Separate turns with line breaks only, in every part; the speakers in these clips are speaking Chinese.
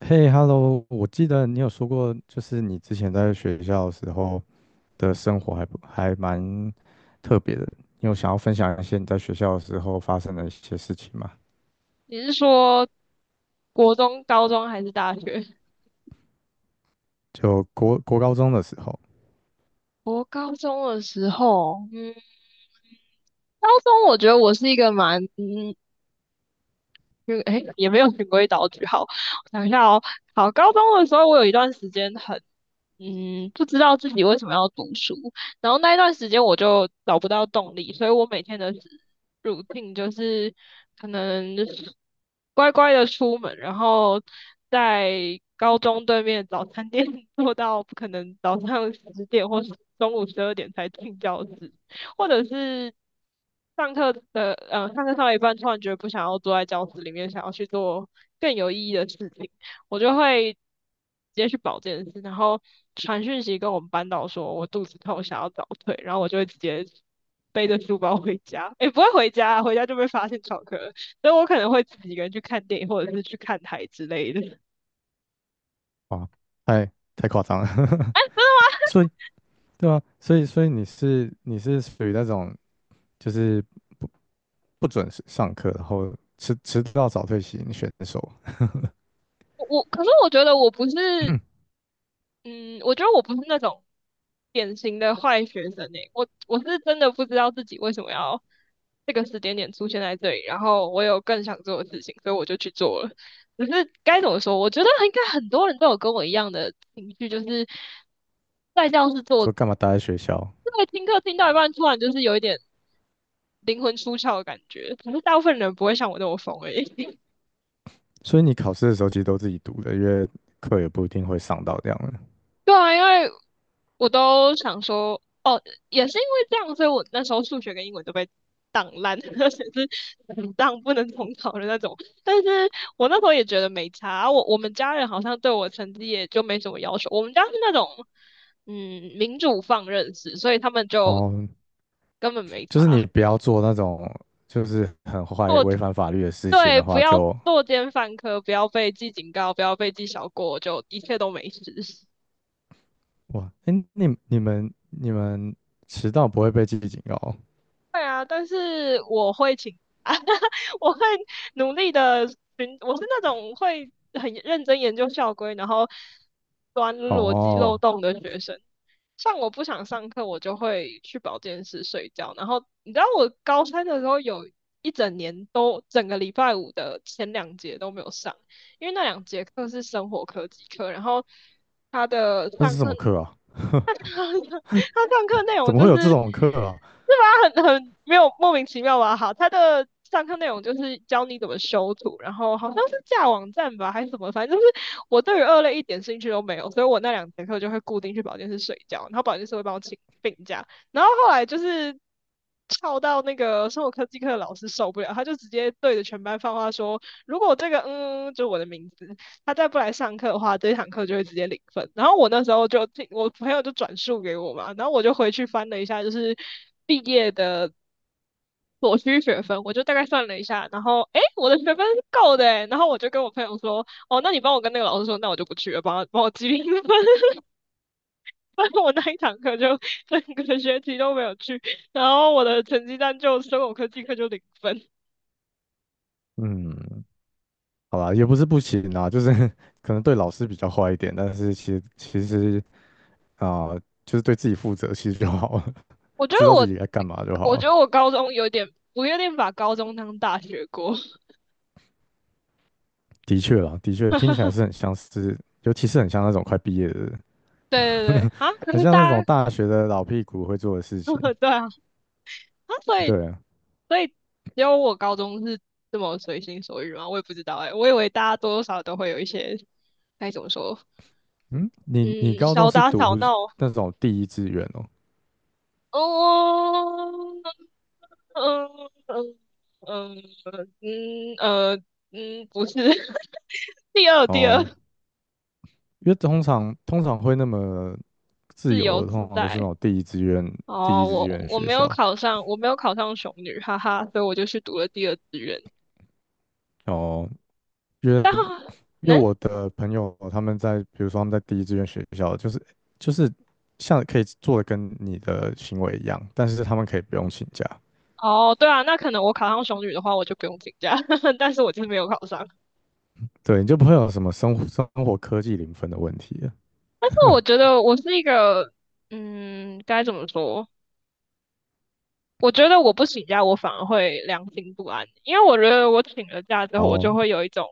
嘿，Hello，我记得你有说过，就是你之前在学校的时候的生活还蛮特别的。你有想要分享一些你在学校的时候发生的一些事情吗？
你是说国中、高中还是大学？
就国高中的时候，
我高中的时候，高中我觉得我是一个蛮嗯就哎，诶也没有循规蹈矩。好，我想一下哦。好，高中的时候，我有一段时间很，不知道自己为什么要读书，然后那一段时间我就找不到动力，所以我每天的 routine 就是可能乖乖的出门，然后在高中对面早餐店 坐到可能早上10点或是中午12点才进教室，或者是上课上到一半，突然觉得不想要坐在教室里面，想要去做更有意义的事情，我就会直接去保健室，然后传讯息跟我们班导说我肚子痛，想要早退，然后我就会直接背着书包回家，也不会回家啊，回家就被发现翘课了。所以我可能会自己一个人去看电影，或者是去看台之类的。哎，
啊，太夸张了。
真的 吗？
所以，对啊，所以你是属于那种就是不准时上课，然后迟到早退型选手，
我可是我觉得我不是，嗯，我觉得我不是那种典型的坏学生诶。我是真的不知道自己为什么要这个时间点出现在这里，然后我有更想做的事情，所以我就去做了。可是该怎么说，我觉得应该很多人都有跟我一样的情绪，就是在教室做，
说干嘛待在学校？
对，听课听到一半，突然就是有一点灵魂出窍的感觉。可是大部分人不会像我那么疯而已。
所以你考试的时候其实都自己读的，因为课也不一定会上到这样的。
对啊，因为我都想说，哦，也是因为这样，所以我那时候数学跟英文都被挡烂，而且是很当不能重考的那种。但是我那时候也觉得没差啊，我们家人好像对我成绩也就没什么要求，我们家是那种民主放任式，所以他们就
哦，
根本没
就是
差。
你不要做那种就是很坏、
我
违反法律的事情
对，
的
不
话
要
就，
作奸犯科，不要被记警告，不要被记小过，就一切都没事。
哇，哎、你们迟到不会被记警告
对啊，但是我会请假，我会努力的寻，我是那种会很认真研究校规，然后钻
哦？
逻辑漏
哦
洞的学生。像我不想上课，我就会去保健室睡觉。然后你知道，我高三的时候有一整年都整个礼拜五的前两节都没有上，因为那两节课是生活科技课，然后他的
那
上
是什
课
么课啊？
上课他上课内
怎
容
么
就
会
是，
有这种课啊？
很没有莫名其妙吧？好，他的上课内容就是教你怎么修图，然后好像是架网站吧，还是什么，反正就是我对于二类一点兴趣都没有，所以我那两节课就会固定去保健室睡觉，然后保健室会帮我请病假，然后后来就是。翘到那个生活科技课的老师受不了，他就直接对着全班放话说："如果这个就我的名字，他再不来上课的话，这一堂课就会直接零分。"然后我那时候就听我朋友就转述给我嘛，然后我就回去翻了一下，就是毕业的所需学分，我就大概算了一下，然后哎，我的学分是够的诶，然后我就跟我朋友说，哦，那你帮我跟那个老师说，那我就不去了，帮我记零分，所以 我那一堂课就整个学期都没有去，然后我的成绩单就生物科技课就零分。
嗯，好吧，也不是不行啊，就是 可能对老师比较坏一点，但是其实啊、就是对自己负责其实就好了，
我 觉得
知道自
我，
己该干嘛就
我
好
觉
了。
得我高中有点，我有点把高中当大学过。
的确啦，的确听起来 是很像是，尤其是很像那种快毕业的人。
对对对，啊，可
很
是
像那
大
种
家，
大学的老屁股会做的事情。
对啊，啊，所以
对啊，
所以只有我高中是这么随心所欲吗？我也不知道哎。我以为大家多多少少都会有一些该怎么说，
嗯，你你
嗯，
高中
小
是
打
读
小闹。
那种第一志愿哦？
哦，嗯嗯嗯嗯呃不是，第二第
哦，
二
因为通常会那么自
自由
由的通
自
常都是那
在。
种第一志愿第一
哦，
志
我
愿的
我
学
没有
校。
考上，我没有考上雄女，哈哈，所以我就去读了第二志愿。
哦，因为因为
嗯
我的朋友他们在，比如说他们在第一志愿学校，就是就是像可以做的跟你的行为一样，但是他们可以不用请假，
哦，对啊，那可能我考上雄女的话，我就不用请假，但是我就是没有考上。
对，你就不会有什么生活科技零分的问题了。
但是我觉得我是一个，该怎么说？我觉得我不请假，我反而会良心不安，因为我觉得我请了假之后，
然
我
后
就会有一种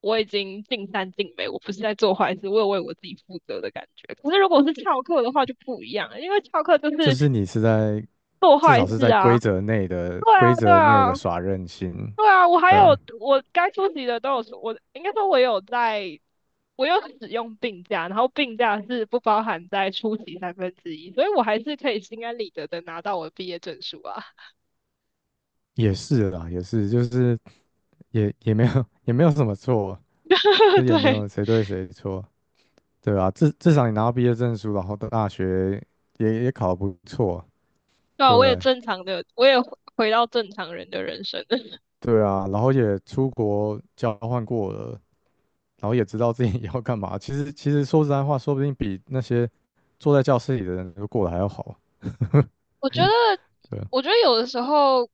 我已经尽善尽美，我不是在做坏事，我有为我自己负责的感觉。可是如果是翘课的话就不一样了，因为翘课就
就
是
是你是在
做
至
坏
少是
事
在
啊，
规则内的
对
规
啊，对
则内的
啊，
耍任性，
对啊，我还有
呃，
我该出席的都有出，我应该说我有在，我有使用病假，然后病假是不包含在出席三分之一，所以我还是可以心安理得的拿到我的毕业证书啊。
也是啦，也是，就是也也没有 也没有什么错，就 是也没
对，
有谁对谁错，对吧？至少你拿到毕业证书，然后到大学也也考得不错，
对啊，
对不
我也
对？
正常的，我也回到正常人的人生。
对啊，然后也出国交换过了，然后也知道自己 要干嘛。其实其实说实在话，说不定比那些坐在教室里的人都过得还要好。
我觉得，
对啊，
我觉得有的时候，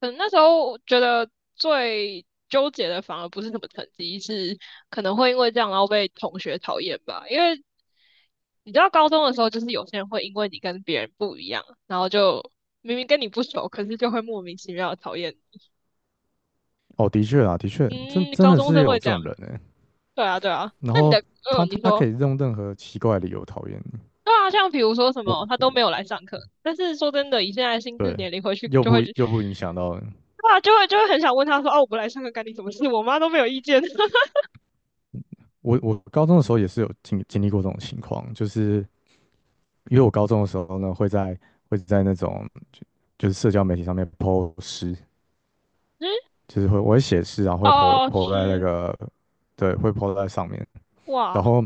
可能那时候我觉得最纠结的反而不是什么成绩，是可能会因为这样然后被同学讨厌吧，因为你知道高中的时候，就是有些人会因为你跟别人不一样，然后就明明跟你不熟，可是就会莫名其妙的讨厌
哦，的确啊，的确，
你。
真
嗯，
真
高
的
中
是
生会
有这
这样。
种人呢。
对啊，对啊。
然
那你的，
后他
你
他可
说，
以用任何奇怪的理由讨厌你，
对啊，像比如说什
我
么，他都没有来上课，但是说真的，以现在的心智
对，
年龄回去
又
就会
不
觉，
又不影响到你
对啊，就会很想问他说，哦，我不来上课干你什么事？我妈都没有意见。
我。我高中的时候也是有经历过这种情况，就是因为我高中的时候呢，会在会在那种就就是社交媒体上面 po 诗，
嗯，
就是会我会写诗，然后会 po
哦，
po 在那
吃，
个对，会 po 在上面。然
哇，
后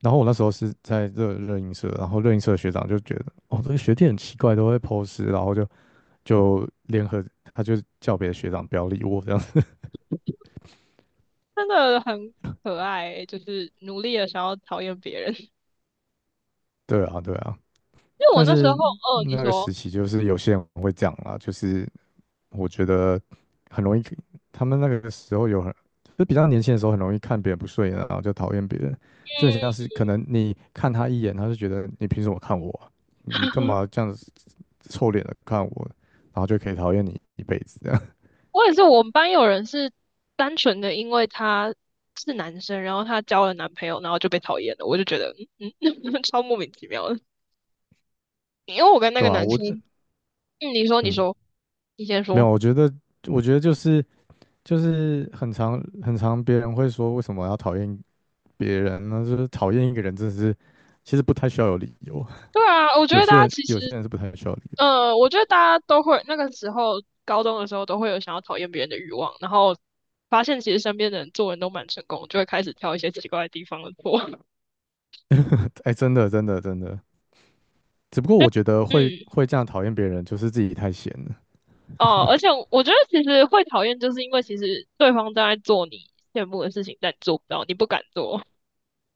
然后我那时候是在热映社，然后热映社的学长就觉得哦，这个学弟很奇怪，都会 po 诗，然后就就联合他就叫别的学长不要理我这样。
真的很可爱欸，就是努力的想要讨厌别人。
对啊，对啊，
因为我
但
那时候，
是
哦，你
那个
说，
时期就是有些人会这样啦，就是我觉得很容易，他们那个时候有很，就比较年轻的时候很容易看别人不顺眼，然后就讨厌别人，
嗯。
就很像是可能你看他一眼，他就觉得你凭什么看我啊你干 嘛这样子臭脸的看我？然后就可以讨厌你一辈子这样，
我也是，我们班有人是单纯的因为他是男生，然后他交了男朋友，然后就被讨厌了。我就觉得，超莫名其妙的。因为我跟 那个
对啊，
男
我
生，嗯，你说，你
嗯，
说，你先
没有，
说。
我觉得就是就是很常别人会说为什么要讨厌别人那就是讨厌一个人，真的是其实不太需要有理由。
对啊，
有些人有些人是不太需要理由。
我觉得大家都会那个时候高中的时候都会有想要讨厌别人的欲望，然后发现其实身边的人做人都蛮成功，就会开始挑一些奇怪的地方的错。
哎，真的真的真的。只不过我觉得会
嗯，
会这样讨厌别人，就是自己太闲了。
哦，而且我觉得其实会讨厌，就是因为其实对方正在做你羡慕的事情，但你做不到，你不敢做。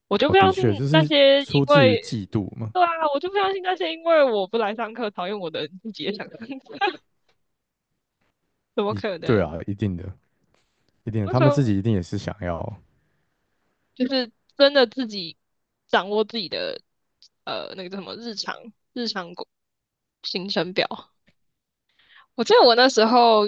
我就
哦，
不
的
相
确，
信
就
那
是
些
出
因
自于
为
嫉妒嘛。
对啊，我就不相信那些因为我不来上课讨厌我的人自己也想上课，怎么
一
可
对
能？
啊，一定的，一定的，
那
他
时
们自
候
己一定也是想要。
就是真的自己掌握自己的那个叫什么日常日常工行程表，我记得我那时候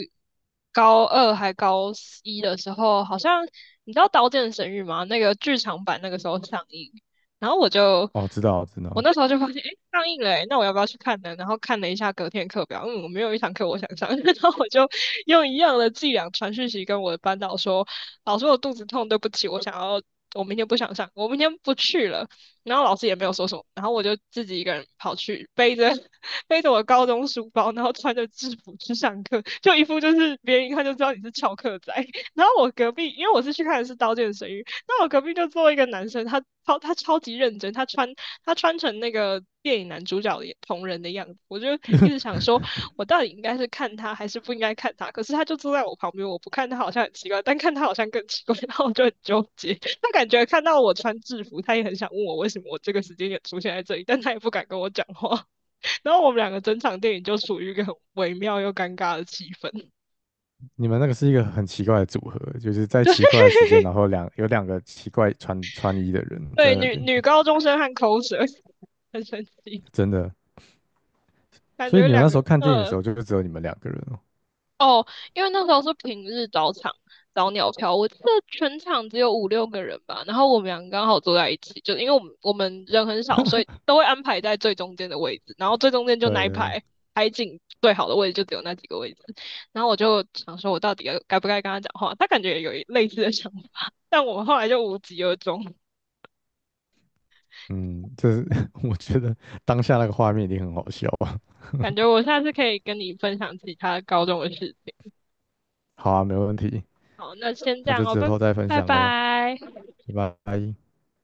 高二还高一的时候，好像你知道《刀剑神域》吗？那个剧场版那个时候上映，然后
哦，知道知
我
道，
那时候就发现，诶，上映了诶，那我要不要去看呢？然后看了一下隔天课表，我没有一堂课我想上，然后我就用一样的伎俩传讯息跟我的班导说，老师我肚子痛，对不起，我想要。我明天不想上，我明天不去了。然后老师也没有说什么，然后我就自己一个人跑去背着我高中书包，然后穿着制服去上课，就一副就是别人一看就知道你是翘课仔。然后我隔壁，因为我是去看的是《刀剑神域》，那我隔壁就坐一个男生，他超级认真，他穿成那个电影男主角的同人的样子，我就一直想说，我到底应该是看他还是不应该看他？可是他就坐在我旁边，我不看他好像很奇怪，但看他好像更奇怪，然后我就很纠结。他感觉看到我穿制服，他也很想问我为什么我这个时间也出现在这里，但他也不敢跟我讲话。然后我们两个整场电影就处于一个很微妙又尴尬的气氛。
你们那个是一个很奇怪的组合，就是在奇怪的时间，然后两有两个奇怪穿衣的人在
对，
那
女
边，
女高中生和口舌 很神奇，
真的。
感
所以
觉
你们
两
那
个
时候看电影的时
呃
候，就只有你们两个人哦。
哦，因为那时候是平日早场早鸟票，我记得全场只有5、6个人吧，然后我们两个刚好坐在一起，就因为我们人很少，所以都会安排在最中间的位置，然后最中间就那一
对，
排海景最好的位置就只有那几个位置，然后我就想说，我到底不该跟他讲话？他感觉有一类似的想法，但我们后来就无疾而终。
嗯，这是 我觉得当下那个画面一定很好笑啊。
感觉我下次可以跟你分享其他高中的事。
好啊，没问题，
好，那先这
那
样
就
哦，
之
拜
后再分
拜
享喽，
拜。
拜拜。